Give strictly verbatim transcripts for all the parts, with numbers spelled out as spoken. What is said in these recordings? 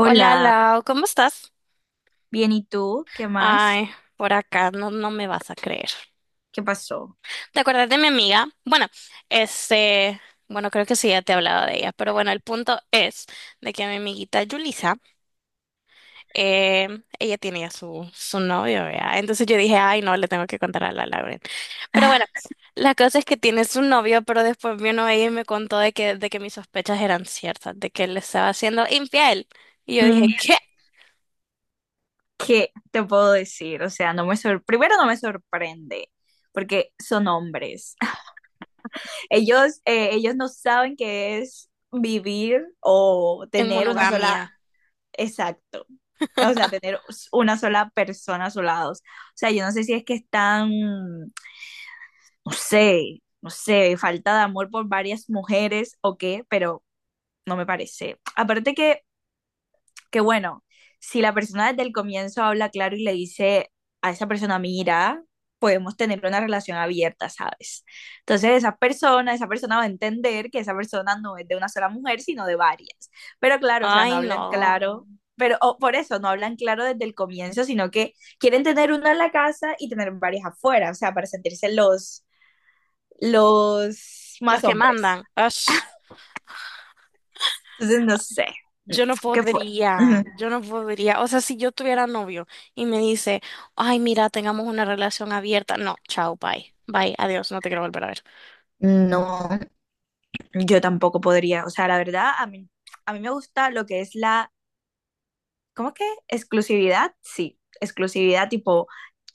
Hola Lau, ¿cómo estás? bien, ¿y tú? ¿Qué más? Ay, por acá no, no me vas a creer. ¿Qué pasó? ¿Te acuerdas de mi amiga? Bueno, este, bueno, creo que sí ya te he hablado de ella, pero bueno, el punto es de que mi amiguita Yulisa, eh, ella tiene ya su, su novio, vea. Entonces yo dije, ay, no, le tengo que contar a la Lauren. Pero bueno, la cosa es que tiene su novio, pero después vino ella y me contó de que, de que mis sospechas eran ciertas, de que él le estaba siendo infiel. Y yo Mm, dije, ¿qué? ¿Qué te puedo decir? O sea, no me sor- primero no me sorprende, porque son hombres. Ellos, eh, ellos no saben qué es vivir o En tener una sola, monogamia. exacto. O sea, tener s- una sola persona a su lado. O sea, yo no sé si es que están, no sé, no sé, falta de amor por varias mujeres o qué, pero no me parece. Aparte que que bueno, si la persona desde el comienzo habla claro y le dice a esa persona, mira, podemos tener una relación abierta, ¿sabes? Entonces esa persona, esa persona va a entender que esa persona no es de una sola mujer, sino de varias. Pero claro, o sea, no Ay, hablan no. claro, pero o por eso no hablan claro desde el comienzo, sino que quieren tener una en la casa y tener varias afuera, o sea, para sentirse los, los Los más que hombres. mandan. Ash, Entonces, no sé, yo no ¿qué fue? Ujú. podría, yo no podría. O sea, si yo tuviera novio y me dice, ay, mira, tengamos una relación abierta. No, chao, bye. Bye, adiós, no te quiero volver a ver. No, yo tampoco podría, o sea, la verdad, a mí, a mí me gusta lo que es la, ¿cómo es que? Exclusividad, sí, exclusividad tipo,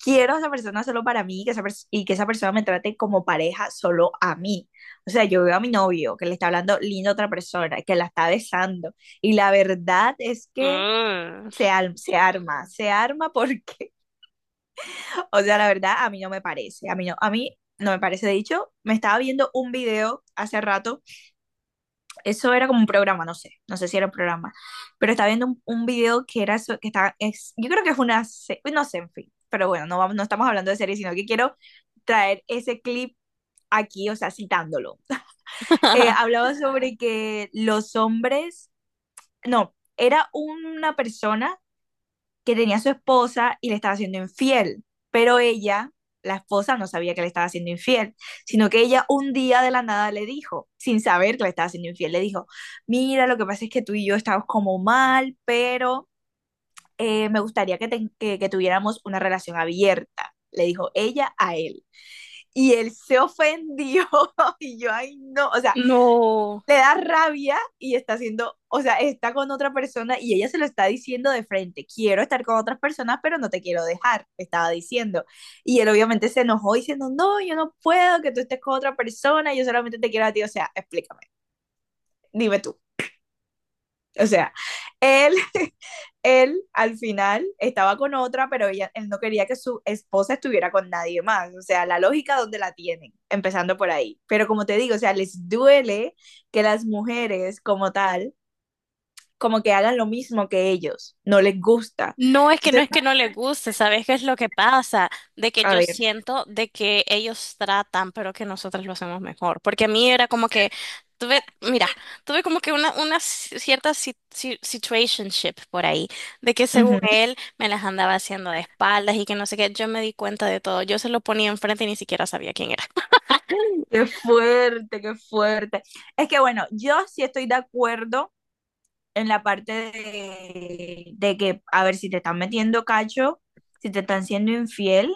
quiero a esa persona solo para mí que esa pers- y que esa persona me trate como pareja solo a mí. O sea, yo veo a mi novio que le está hablando lindo a otra persona, que la está besando y la verdad es que Mm. se, al- se arma, se arma porque, o sea, la verdad a mí no me parece, a mí no, a mí no me parece. De hecho, me estaba viendo un video hace rato. Eso era como un programa, no sé, no sé si era un programa, pero estaba viendo un, un video que era, so- que estaba, es, yo creo que fue una, se- no sé, en fin, pero bueno, no, vamos- no estamos hablando de series, sino que quiero traer ese clip aquí, o sea, citándolo. Eh, hablaba sobre que los hombres, no, era una persona que tenía a su esposa y le estaba siendo infiel, pero ella, la esposa, no sabía que le estaba siendo infiel, sino que ella un día de la nada le dijo, sin saber que le estaba siendo infiel, le dijo, mira, lo que pasa es que tú y yo estamos como mal, pero eh, me gustaría que, te- que, que tuviéramos una relación abierta, le dijo ella a él. Y él se ofendió y yo, ay, no, o sea, No. le da rabia y está haciendo, o sea, está con otra persona y ella se lo está diciendo de frente, quiero estar con otras personas, pero no te quiero dejar, estaba diciendo. Y él obviamente se enojó diciendo, no, yo no puedo que tú estés con otra persona, yo solamente te quiero a ti, o sea, explícame, dime tú. O sea, él, él al final estaba con otra, pero ella, él no quería que su esposa estuviera con nadie más. O sea, la lógica donde la tienen, empezando por ahí. Pero como te digo, o sea, les duele que las mujeres como tal como que hagan lo mismo que ellos, no les gusta. No es que no Entonces, es que no le guste, ¿sabes qué es lo que pasa? De que a yo ver, siento de que ellos tratan, pero que nosotros lo hacemos mejor. Porque a mí era como que tuve, mira, tuve como que una, una ci- cierta si- si- situationship por ahí, de que según ujú, él me las andaba haciendo de espaldas y que no sé qué, yo me di cuenta de todo, yo se lo ponía enfrente y ni siquiera sabía quién era. qué fuerte, qué fuerte. Es que bueno, yo sí estoy de acuerdo en la parte de, de que, a ver, si te están metiendo cacho, si te están siendo infiel,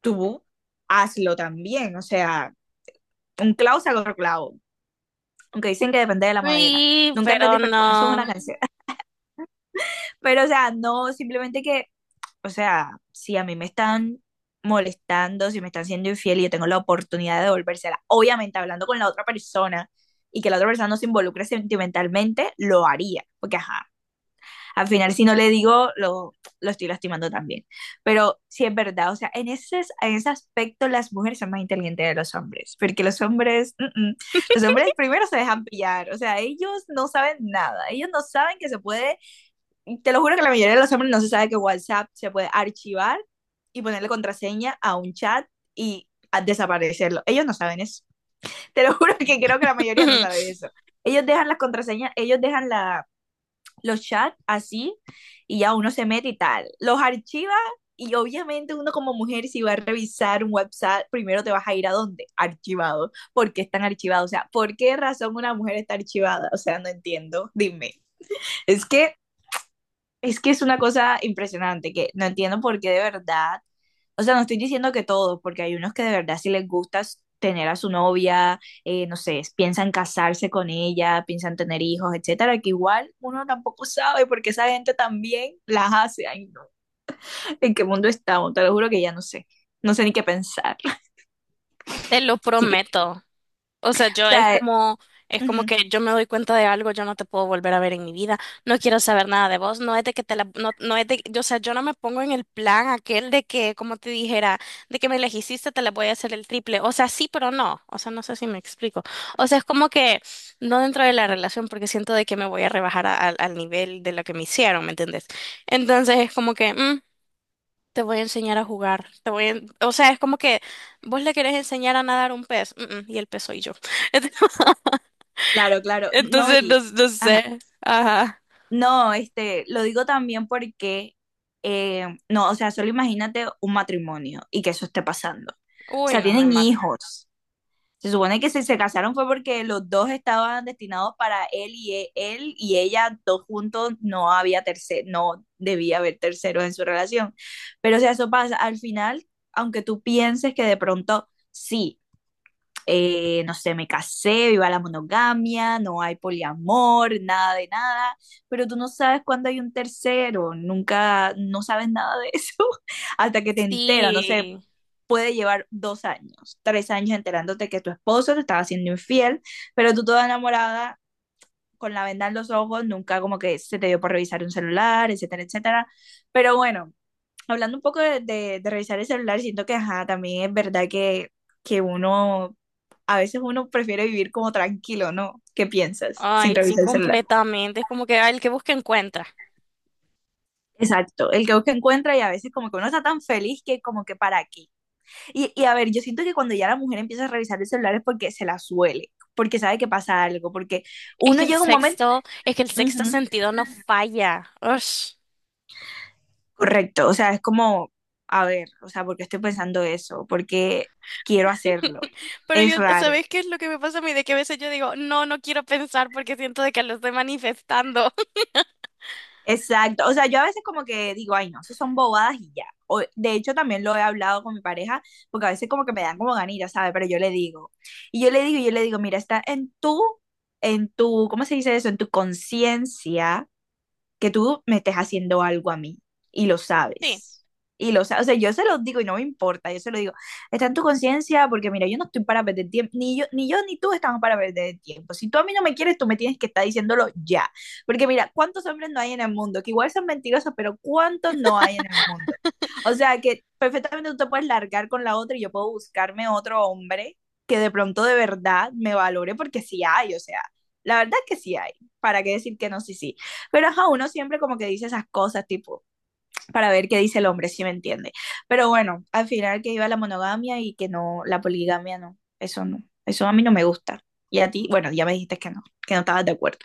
tú hazlo también. O sea, un clavo saca otro clavo. Aunque dicen que depende de la madera. Sí, Nunca pero entendí, pero bueno, eso es una no, canción. Pero, o sea, no, simplemente que o sea, si a mí me están molestando, si me están siendo infiel y yo tengo la oportunidad de devolvérsela, obviamente hablando con la otra persona y que la otra persona no se involucre sentimentalmente, lo haría, porque ajá, al final si no le digo, lo, lo estoy lastimando también. Pero sí es verdad, o sea, en ese, en ese aspecto las mujeres son más inteligentes de los hombres, porque los hombres, mm, mm, los hombres primero se dejan pillar, o sea, ellos no saben nada, ellos no saben que se puede. Te lo juro que la mayoría de los hombres no se sabe que WhatsApp se puede archivar y ponerle contraseña a un chat y a desaparecerlo. Ellos no saben eso. Te lo juro que creo que la mayoría no sabe eso. Ellos dejan las contraseñas, ellos dejan la, los chats así y ya uno se mete y tal. Los archiva y obviamente uno como mujer si va a revisar un WhatsApp primero te vas a ir, ¿a dónde? Archivado. ¿Por qué están archivados? O sea, ¿por qué razón una mujer está archivada? O sea, no entiendo. Dime. Es que es que es una cosa impresionante, que no entiendo por qué de verdad, o sea, no estoy diciendo que todos, porque hay unos que de verdad sí les gusta s- tener a su novia, eh, no sé, piensan casarse con ella, piensan tener hijos, etcétera, que igual uno tampoco sabe porque esa gente también las hace. Ay, no. ¿En qué mundo estamos? Te lo juro que ya no sé. No sé ni qué pensar. te lo Así que, o prometo. O sea, yo es sea, eh, como, es como ujú, que yo me doy cuenta de algo, yo no te puedo volver a ver en mi vida, no quiero saber nada de vos, no es de que te la, no, no es de, yo, o sea, yo no me pongo en el plan aquel de que, como te dijera, de que me elegiste, te la voy a hacer el triple, o sea, sí, pero no, o sea, no sé si me explico, o sea, es como que no dentro de la relación porque siento de que me voy a rebajar a- al al nivel de lo que me hicieron, ¿me entendés? Entonces es como que, mm, te voy a enseñar a jugar, te voy a, en- o sea, es como que vos le querés enseñar a nadar un pez, mm, mm, y el pez soy yo. claro, claro. No, Entonces, y, no, no ajá. sé. Ajá. No, este, lo digo también porque, eh, no, o sea, solo imagínate un matrimonio y que eso esté pasando. O Uy, sea, no, me tienen mata. hijos. Se supone que si se casaron fue porque los dos estaban destinados para él y e- él y ella, dos juntos, no había tercer, no debía haber terceros en su relación. Pero o sea, eso pasa. Al final, aunque tú pienses que de pronto sí eh, no sé, me casé, viva la monogamia, no hay poliamor, nada de nada, pero tú no sabes cuándo hay un tercero, nunca, no sabes nada de eso hasta que te enteras, no sé, Sí. puede llevar dos años, tres años enterándote que tu esposo te estaba haciendo infiel, pero tú toda enamorada, con la venda en los ojos, nunca como que se te dio por revisar un celular, etcétera, etcétera, pero bueno. Hablando un poco de, de- de revisar el celular, siento que, ajá, también es verdad que, que uno a veces uno prefiere vivir como tranquilo, ¿no? ¿Qué piensas? Sin Ay, sí, revisar el celular. completamente. Es como que ay, el que busca encuentra. Exacto, el que busca encuentra y a veces como que uno está tan feliz que como que para aquí. Y, y a ver, yo siento que cuando ya la mujer empieza a revisar el celular es porque se la suele, porque sabe que pasa algo, porque Es que uno el llega un momento, sexto, es que el sexto ujú, sentido no falla. Ush. correcto, o sea, es como, a ver, o sea, ¿por qué estoy pensando eso? ¿Por qué quiero hacerlo? Pero Es yo, raro. ¿sabes qué es lo que me pasa a mí? De que a veces yo digo, no, no quiero pensar porque siento de que lo estoy manifestando. Exacto, o sea, yo a veces como que digo, ay, no, eso son bobadas y ya. O, de hecho, también lo he hablado con mi pareja, porque a veces como que me dan como ganillas, ¿sabes? Pero yo le digo, y yo le digo, y yo le digo, mira, está en tu, en tu, ¿cómo se dice eso? En tu conciencia que tú me estés haciendo algo a mí y lo Sí. sabes. Y lo sabes, o sea, yo se lo digo y no me importa, yo se lo digo, está en tu conciencia porque mira, yo no estoy para perder tiempo, ni yo, ni yo ni tú estamos para perder tiempo. Si tú a mí no me quieres, tú me tienes que estar diciéndolo ya. Porque mira, ¿cuántos hombres no hay en el mundo? Que igual son mentirosos, pero ¿cuántos no hay en el mundo? O sea, que perfectamente tú te puedes largar con la otra y yo puedo buscarme otro hombre que de pronto de verdad me valore porque sí hay, o sea, la verdad es que sí hay. ¿Para qué decir que no? Sí, sí. Pero ajá, uno siempre como que dice esas cosas, tipo, para ver qué dice el hombre, si me entiende. Pero bueno, al final que iba la monogamia y que no, la poligamia no, eso no, eso a mí no me gusta. Y a ti, bueno, ya me dijiste que no, que no estabas de acuerdo.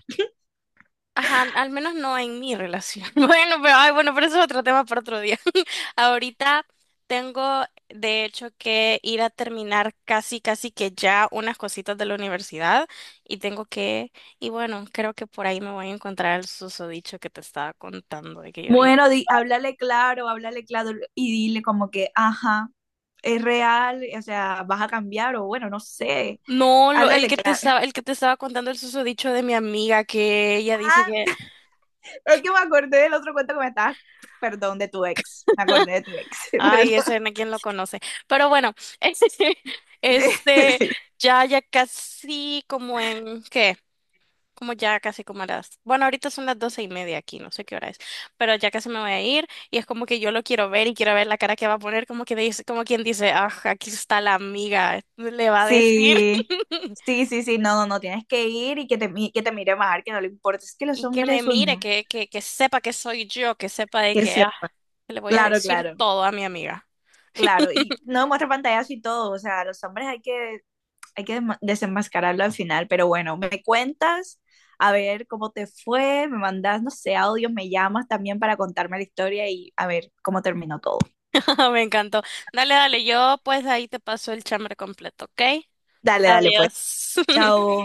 Ajá, al menos no en mi relación. Bueno, pero ay, bueno, pero eso es otro tema para otro día. Ahorita tengo, de hecho, que ir a terminar casi, casi que ya unas cositas de la universidad y tengo que, y bueno, creo que por ahí me voy a encontrar el susodicho que te estaba contando de que yo dije. Bueno, di, háblale claro, háblale claro y dile como que, ajá, es real, o sea, vas a cambiar o bueno, no sé, No, lo, el háblale que te claro. estaba, el que te estaba contando el susodicho de mi amiga que ella dice Ah, que es que me acordé del otro cuento que me estabas, perdón, de tu ex, me acordé de tu ex, ay, perdón. ese no quién lo conoce. Pero bueno, este, este, ya, ya casi como en, ¿qué? Como ya casi como a las, bueno, ahorita son las doce y media aquí, no sé qué hora es, pero ya casi me voy a ir y es como que yo lo quiero ver y quiero ver la cara que va a poner, como que dice, como quien dice, ah, aquí está la amiga, le va a decir. Sí, sí, sí, sí, no, no, no, tienes que ir y que te, mi- que te mire bajar, que no le importa, es que los Y que me hombres, uy, mire, no, que, que, que sepa que soy yo, que sepa de que que, ah, sepa. le voy a Claro, decir claro, todo a mi amiga. claro, y no muestra pantallazo y todo, o sea, los hombres hay que, hay que, desma- desenmascararlo al final, pero bueno, me cuentas, a ver cómo te fue, me mandas, no sé, audios, me llamas también para contarme la historia y a ver cómo terminó todo. Me encantó. Dale, dale, yo pues ahí te paso el chambre completo, ¿ok? Dale, dale, pues, Adiós. chao.